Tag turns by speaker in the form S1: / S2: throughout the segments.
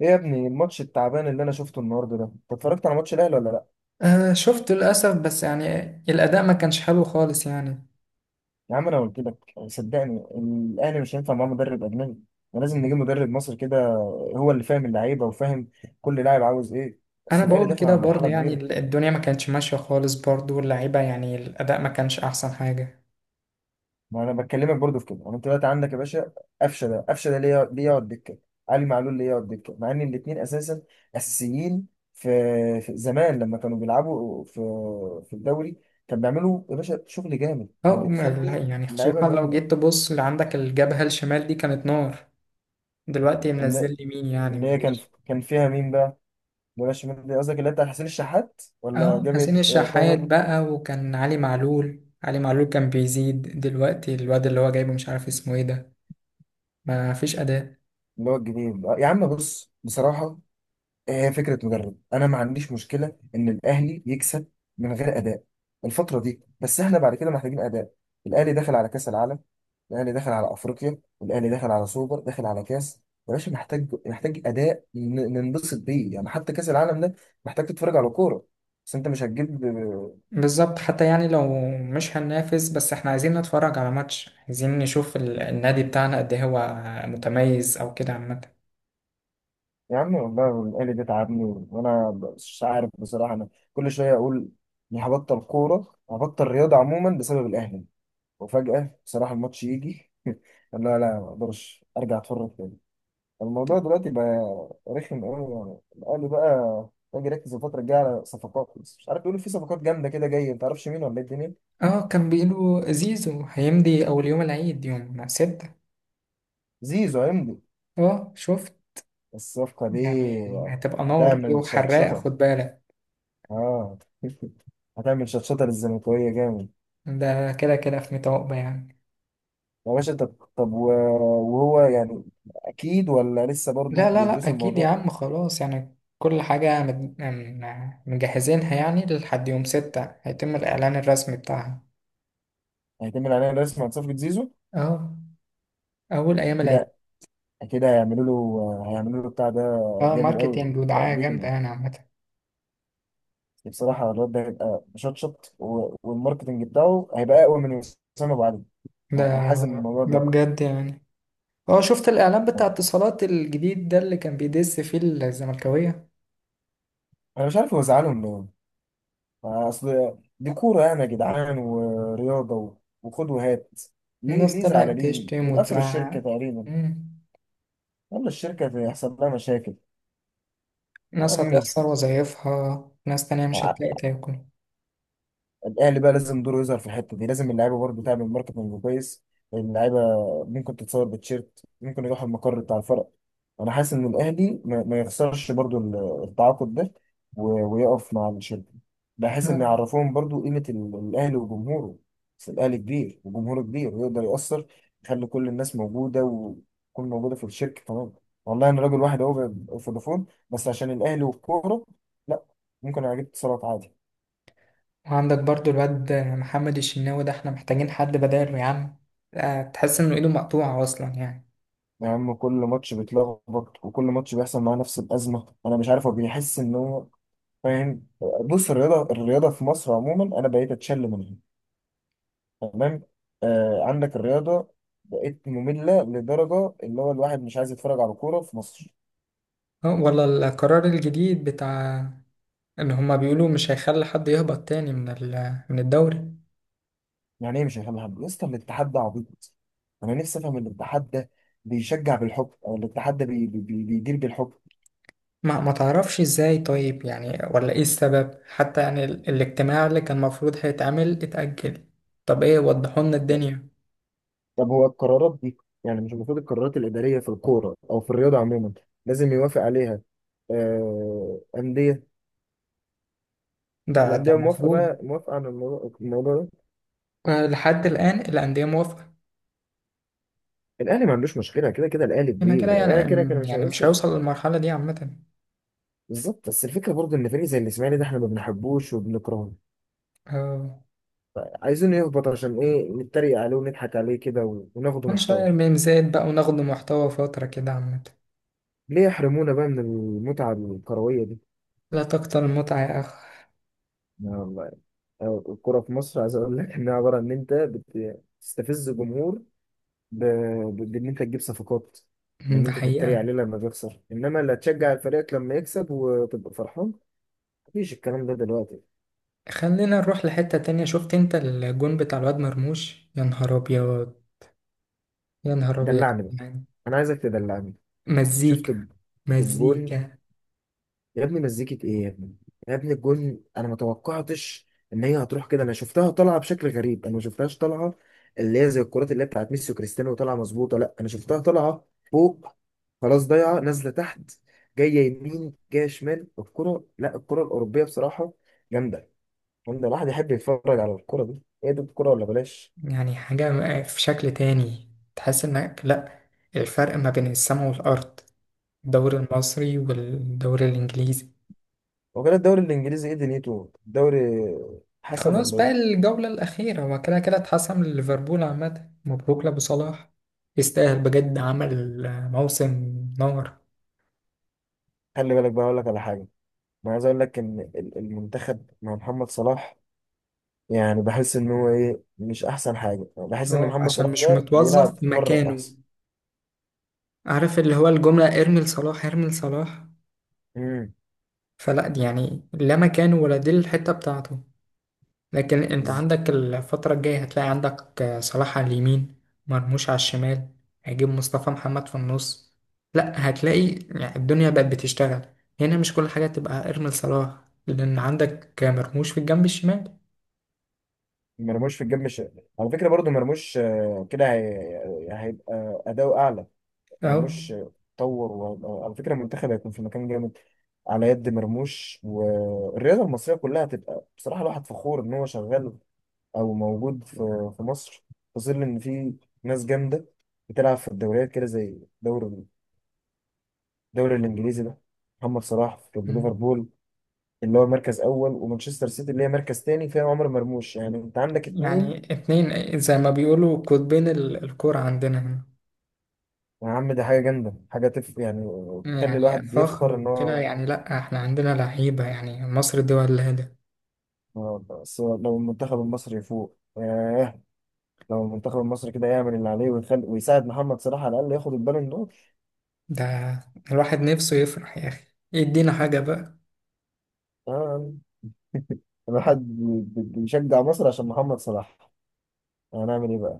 S1: ايه يا ابني الماتش التعبان اللي انا شفته النهارده ده؟ انت اتفرجت على ماتش الاهلي ولا لا؟
S2: آه، شفته للأسف. بس يعني الأداء ما كانش حلو خالص يعني.
S1: يا عم انا قلت لك، صدقني، الاهلي مش هينفع معاه مدرب اجنبي. احنا لازم نجيب مدرب مصري كده، هو اللي فاهم اللعيبه وفاهم كل لاعب عاوز ايه.
S2: أنا
S1: بس الاهلي
S2: بقول
S1: داخل
S2: كده
S1: على
S2: برضه،
S1: مرحله
S2: يعني
S1: كبيره.
S2: الدنيا ما كانتش ماشية خالص برضه، واللعيبة يعني الأداء ما كانش أحسن حاجة.
S1: ما انا بكلمك برضه في كده. انا انت دلوقتي عندك يا باشا قفشه ده، قفشه ده ليه ليه يقعد دكه؟ علي معلول ليه يقعد دكه مع ان الاثنين اساسا اساسيين؟ في, في زمان لما كانوا بيلعبوا في الدوري كان بيعملوا يا باشا شغل جامد، كان
S2: أو لا،
S1: بتخلي
S2: يعني
S1: اللعيبه
S2: خصوصا لو جيت
S1: جامده.
S2: تبص اللي عندك، الجبهة الشمال دي كانت نار. دلوقتي
S1: اللي
S2: منزل يمين، يعني
S1: اللي هي كان
S2: معلش.
S1: كان فيها مين بقى؟ بلاش شمال، قصدك اللي هي بتاع حسين الشحات ولا
S2: أه
S1: جبهة؟
S2: حسين
S1: آه،
S2: الشحات
S1: طاهر
S2: بقى، وكان علي معلول كان بيزيد. دلوقتي الواد اللي هو جايبه مش عارف اسمه ايه ده. ما فيش أداء.
S1: اللي هو الجديد؟ آه، يا عم بص بصراحة، هي فكرة مدرب. أنا ما عنديش مشكلة إن الأهلي يكسب من غير أداء الفترة دي، بس إحنا بعد كده محتاجين أداء. الأهلي داخل على كأس العالم، الأهلي داخل على أفريقيا، الأهلي داخل على سوبر، داخل على كأس. يا باشا محتاج أداء ننبسط بيه يعني. حتى كأس العالم ده محتاج تتفرج على كورة، بس أنت مش هتجيب.
S2: بالظبط، حتى يعني لو مش هننافس، بس احنا عايزين نتفرج على ماتش، عايزين نشوف النادي بتاعنا قد إيه هو متميز او كده عامة.
S1: يا عم والله الآلي دي تعبني، وأنا مش عارف بصراحة، أنا كل شوية أقول إني هبطل كورة، هبطل رياضة عموما بسبب الأهلي. وفجأة بصراحة الماتش يجي لا لا، ما أقدرش أرجع أتفرج تاني. الموضوع دلوقتي بقى رخم أوي يعني، الأهلي بقى. باجي أركز الفترة الجاية على صفقات، بس مش عارف، بيقولوا في صفقات جامدة كده جاية، متعرفش مين ولا إيه الدنيا.
S2: اه كان بيقولوا زيزو هيمضي اول يوم العيد يوم ستة.
S1: زيزو هيمضي.
S2: اه شفت.
S1: بس الصفقة دي
S2: يعني هتبقى نار دي
S1: هتعمل
S2: وحراقة،
S1: شطشطة.
S2: خد بالك.
S1: آه هتعمل شطشطة للزملكاوية جامد.
S2: ده كده كده في ميت يعني.
S1: يا باشا طب، طب و- وهو يعني اكيد، ولا لسه
S2: لا
S1: برضه
S2: لا لا،
S1: بيدرسوا
S2: اكيد يا
S1: الموضوع؟
S2: عم خلاص. يعني كل حاجة مجهزينها، يعني لحد يوم ستة هيتم الاعلان الرسمي بتاعها.
S1: هيتم عليه رسم عن صفقة زيزو.
S2: اه اول ايام العيد.
S1: كده كده هيعملوا له، هيعملوا له بتاع ده.
S2: اه
S1: جامد قوي
S2: ماركتينج ودعاية جامدة
S1: تقديما.
S2: يعني عامة.
S1: بصراحة الواد ده هيبقى مشطشط، والماركتنج بتاعه هيبقى اقوى من وسام ابو علي.
S2: ده
S1: انا حاسس ان الموضوع
S2: ده
S1: ده،
S2: بجد يعني. اه شفت الإعلان بتاع اتصالات الجديد ده اللي كان بيدس فيه الزملكاوية.
S1: انا مش عارف هو زعلهم ليه. اصل دي كورة يعني يا جدعان، ورياضة وخد وهات. ليه
S2: الناس
S1: ليه
S2: طلعت
S1: زعلانين
S2: تشتم
S1: دول؟ قفلوا
S2: وتزعق.
S1: الشركة تقريبا.
S2: مم.
S1: يلا الشركة هيحصل لها مشاكل.
S2: ناس
S1: امي
S2: هتخسر وظايفها، ناس تانية مش
S1: ع-
S2: هتلاقي تاكل.
S1: الاهلي بقى لازم دوره يظهر في الحته دي. لازم اللعيبه برضه تعمل ماركتنج كويس. اللعيبه ممكن تتصور بتشيرت، ممكن يروح المقر بتاع الفرق. انا حاسس ان الاهلي ما يخسرش برضه التعاقد ده ويقف مع الشركه، بحيث ان
S2: آه.
S1: يعرفوهم برضه قيمه الاهلي وجمهوره. بس الاهلي كبير وجمهوره كبير، ويقدر يأثر، يخلي كل الناس موجوده، وتكون موجوده في الشركه تمام. والله انا راجل واحد اهو في فودافون بس عشان الاهلي والكوره. لا، ممكن اجيب اتصالات عادي.
S2: وعندك برضو الواد محمد الشناوي ده، احنا محتاجين حد بداله يا عم. آه، تحس انه ايده مقطوعة اصلا يعني.
S1: يا عم كل ماتش بيتلخبط، وكل ماتش بيحصل معاه نفس الأزمة. أنا مش عارف هو بيحس إن هو فاهم. بص الرياضة، الرياضة في مصر عموما أنا بقيت أتشل منها. تمام. آه عندك الرياضة بقت مملة، لدرجة اللي هو الواحد مش عايز يتفرج على كورة في مصر.
S2: آه، ولا القرار الجديد بتاع ان هما بيقولوا مش هيخلي حد يهبط تاني من الدوري؟
S1: يعني إيه مش هيفهم حد يا اسطى؟ الاتحاد ده عبيط. أنا نفسي أفهم الاتحاد ده بيشجع بالحب، أو الاتحاد ده بيدير بالحب.
S2: ما تعرفش ازاي طيب، يعني ولا ايه السبب حتى؟ يعني الاجتماع اللي كان المفروض هيتعمل اتأجل. طب ايه، وضحوا لنا الدنيا.
S1: طب هو القرارات دي، يعني مش المفروض القرارات الإدارية في الكورة أو في الرياضة عموما لازم يوافق عليها آه، أندية؟
S2: ده
S1: الأندية موافقة
S2: المفروض.
S1: بقى، موافقة على الموضوع ده؟
S2: آه، لحد الآن الأندية موافقة.
S1: الأهلي ما عندوش مشكلة، كده كده الأهلي
S2: يبقى
S1: كبير،
S2: كده،
S1: الأهلي
S2: يعني
S1: كده كده مش
S2: يعني مش
S1: هيوصل.
S2: هيوصل للمرحلة دي عامة.
S1: بالظبط، بس الفكرة برضه إن فريق زي الإسماعيلي ده إحنا ما بنحبوش وبنكرهه،
S2: آه،
S1: عايزينه يهبط. عشان إيه؟ نتريق عليه ونضحك عليه كده وناخده محتوى.
S2: هنشير ميمزات بقى وناخد محتوى فترة كده عامة.
S1: ليه يحرمونا بقى من المتعة الكروية دي؟
S2: لا تكتر المتعة يا أخ.
S1: يا الله. الكرة في مصر عايز أقول لك إنها عبارة إن أنت بتستفز جمهور، ب... بان انت تجيب صفقات، بان
S2: ده
S1: انت تتريق
S2: حقيقة.
S1: عليه لما بيخسر، انما لا تشجع فريقك لما يكسب وتبقى فرحان. مفيش الكلام ده دلوقتي.
S2: خلينا نروح لحتة تانية. شفت انت الجون بتاع الواد مرموش؟ يا نهار أبيض، يا نهار أبيض.
S1: دلعني بقى.
S2: يعني.
S1: انا عايزك تدلعني. شفت
S2: مزيكا،
S1: الجون؟
S2: مزيكا.
S1: يا ابني مزيكة ايه يا ابني؟ يا ابني الجون انا ما توقعتش ان هي هتروح كده. انا شفتها طالعه بشكل غريب، انا ما شفتهاش طالعه اللي هي زي الكرات اللي هي بتاعت ميسي وكريستيانو طالعه مظبوطه. لا، انا شفتها طالعه فوق، خلاص ضايعه نازله تحت، جايه يمين، جايه شمال. الكره، لا، الكره الاوروبيه بصراحه جامده. جامده الواحد يحب يتفرج على الكره دي. ايه ده؟ الكره ولا بلاش.
S2: يعني حاجة في شكل تاني. تحس انك لا، الفرق ما بين السماء والأرض، الدوري المصري والدوري الإنجليزي.
S1: هو كده الدوري الانجليزي ايه دنيته؟ الدوري حسب
S2: خلاص
S1: ولا
S2: بقى
S1: ايه؟
S2: الجولة الأخيرة، هو كده كده اتحسم لليفربول عامة. مبروك لأبو صلاح، يستاهل بجد، عمل موسم نار.
S1: خلي بالك بقى اقول لك على حاجه. انا عايز اقول لك ان المنتخب مع محمد صلاح يعني بحس ان هو ايه مش احسن حاجه. يعني بحس ان
S2: اه
S1: محمد
S2: عشان
S1: صلاح
S2: مش
S1: ده بيلعب
S2: متوظف في
S1: بره
S2: مكانه.
S1: احسن.
S2: عارف اللي هو الجملة، ارمي لصلاح، ارمي لصلاح؟
S1: امم
S2: فلا دي يعني، لا مكانه ولا دي الحتة بتاعته. لكن انت
S1: ز-
S2: عندك الفترة الجاية هتلاقي عندك صلاح على اليمين، مرموش على الشمال، هيجيب مصطفى محمد في النص. لا هتلاقي، يعني الدنيا بقت بتشتغل هنا. مش كل حاجة تبقى ارمي لصلاح، لأن عندك مرموش في الجنب الشمال.
S1: مرموش في الجيب مش، على فكره برضو مرموش آه، كده هي... هيبقى اداؤه اعلى.
S2: أهو.
S1: مرموش طور و... على فكره المنتخب هيكون في مكان جامد على يد مرموش، والرياضه المصريه كلها هتبقى بصراحه الواحد فخور ان هو شغال او موجود في في مصر، في ظل ان في ناس جامده بتلعب في الدوريات كده زي دوري، الدوري الانجليزي ده. محمد صلاح في
S2: مم.
S1: ليفربول اللي هو مركز اول، ومانشستر سيتي اللي هي مركز تاني فيها عمر مرموش. يعني انت عندك
S2: يعني
S1: اتنين.
S2: اتنين زي ما بيقولوا قطبين الكرة عندنا هنا.
S1: يا عم ده حاجه جامده، حاجه تف يعني، تخلي
S2: يعني
S1: الواحد
S2: فخر
S1: يفخر ان
S2: وكده،
S1: هو.
S2: يعني لا احنا عندنا لعيبة يعني، مصر الدول الهادئة.
S1: آه، بس لو المنتخب المصري يفوق، ياه! لو المنتخب المصري كده يعمل اللي عليه ويخلي ويساعد محمد صلاح، على الاقل ياخد البالون دور.
S2: ده الواحد نفسه يفرح يا أخي، يدينا حاجة بقى.
S1: آه، الواحد بيشجع مصر عشان محمد صلاح. هنعمل ايه بقى؟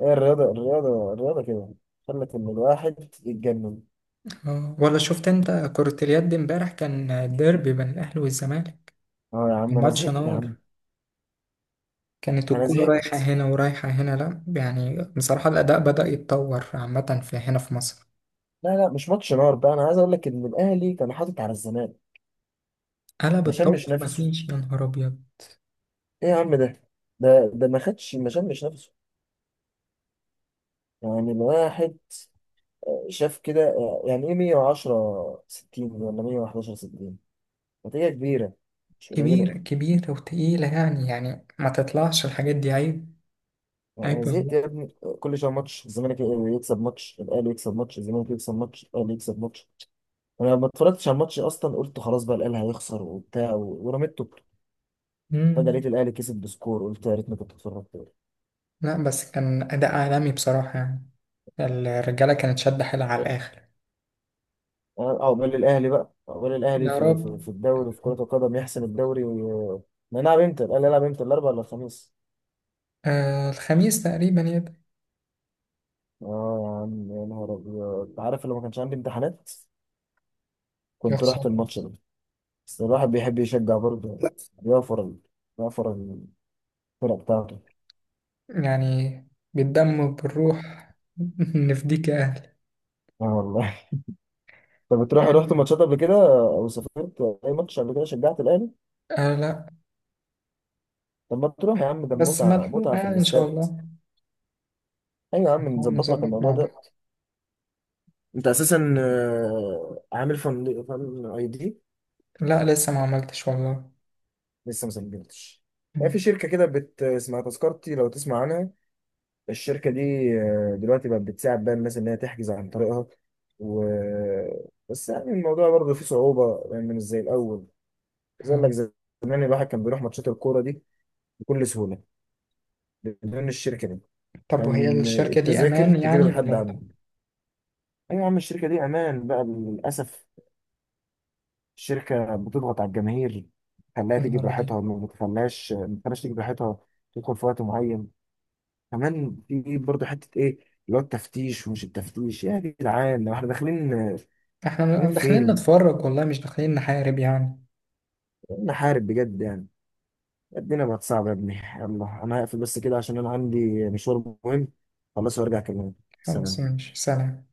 S1: هي الرياضه الرياضه كده خلت ان الواحد يتجنن.
S2: آه، ولا شفت انت كرة اليد امبارح؟ كان الديربي بين الاهلي والزمالك.
S1: اه يا عم انا
S2: الماتش
S1: زهقت يا عم.
S2: نار. كانت
S1: انا
S2: الكورة رايحة
S1: زهقت.
S2: هنا ورايحة هنا، لا يعني بصراحة الأداء بدأ يتطور عامة في هنا في مصر.
S1: لا لا، مش ماتش نار بقى. انا عايز اقول لك ان الاهلي كان حاطط على الزمالك.
S2: قلب
S1: ما شمش
S2: الطبخ
S1: نفسه.
S2: مفيش، يا نهار أبيض.
S1: ايه يا عم ده؟ ده ما خدش ما شمش نفسه. يعني الواحد شاف كده يعني ايه، 110 60 ولا 111 60؟ نتيجة كبيرة، مش قليلة.
S2: كبيرة، كبيرة وتقيلة يعني ما تطلعش الحاجات دي عيب.
S1: انا
S2: عيب
S1: زهقت
S2: والله.
S1: يا ابني. كل شويه ماتش الزمالك يكسب، ماتش الاهلي يكسب، ماتش الزمالك يكسب، ماتش الاهلي يكسب، ماتش. انا ما اتفرجتش على الماتش اصلا، قلت خلاص بقى الاهلي هيخسر وبتاع ورميت توبته. فجأة
S2: مم.
S1: لقيت الاهلي كسب بسكور، قلت يا ريتني كنت اتفرجت.
S2: لا بس كان أداء عالمي بصراحة يعني، الرجالة كانت شادة حيلها على الآخر.
S1: اه عقبال الاهلي بقى، عقبال الاهلي
S2: يا
S1: في
S2: رب.
S1: في الدوري في كرة القدم يحسم الدوري وي... نلعب امتى؟ الاهلي يلعب امتى؟ الاربعاء ولا الخميس؟
S2: آه الخميس تقريبا يبقى.
S1: اه يا عم يا نهار ابيض، أنت عارف لو ما كانش عندي امتحانات كنت
S2: يخسر.
S1: رحت الماتش ده. بس الواحد بيحب يشجع برضه، يوفر يوفر الفرق بتاعته.
S2: يعني بالدم وبالروح نفديك يا أهلي.
S1: اه والله طب بتروح، رحت
S2: يعني،
S1: ماتشات قبل كده او سافرت اي ماتش قبل كده شجعت الاهلي؟
S2: آه لا.
S1: طب ما تروح يا عم، ده
S2: بس
S1: متعة،
S2: ملحوقة
S1: متعة في
S2: يعني، إن شاء
S1: الاستاد.
S2: الله
S1: ايوه يا عم
S2: نحاول
S1: نظبط لك
S2: نظبط
S1: الموضوع
S2: مع
S1: ده.
S2: بعض.
S1: انت اساسا آه، عامل فن فن اي دي؟
S2: لا لسه ما عملتش والله.
S1: لسه ما سجلتش؟ يعني في
S2: مم.
S1: شركة كده بت اسمها تذكرتي، لو تسمع عنها. الشركة دي آه، دلوقتي بقت بتساعد بقى الناس إن هي تحجز عن طريقها و بس، يعني الموضوع برضه فيه صعوبة، لأن يعني مش زي الأول. زي أقول
S2: آه.
S1: لك زمان الواحد كان بيروح ماتشات الكورة دي بكل سهولة بدون الشركة دي،
S2: طب وهي
S1: كان
S2: الشركة دي
S1: التذاكر
S2: أمان
S1: تجيب
S2: يعني ولا
S1: لحد
S2: لا؟
S1: عنده. أيوة يا عم، الشركة دي أمان بقى، للأسف الشركة بتضغط على الجماهير، تخليها
S2: يا
S1: تيجي
S2: نهار أبيض.
S1: براحتها، ما بتخليهاش، ما بتخليهاش تيجي براحتها، تدخل في وقت معين. كمان في برضه حته ايه، اللي هو التفتيش، ومش التفتيش يا جدعان لو احنا داخلين.
S2: إحنا
S1: داخلين
S2: داخلين
S1: فين؟
S2: نتفرج والله، مش داخلين نحارب يعني.
S1: نحارب بجد يعني؟ الدنيا بقت صعبه يا ابني. يلا انا هقفل بس كده عشان انا عندي مشوار مهم. خلاص وارجع اكلمك.
S2: خلاص
S1: سلام.
S2: ماشي، سلام.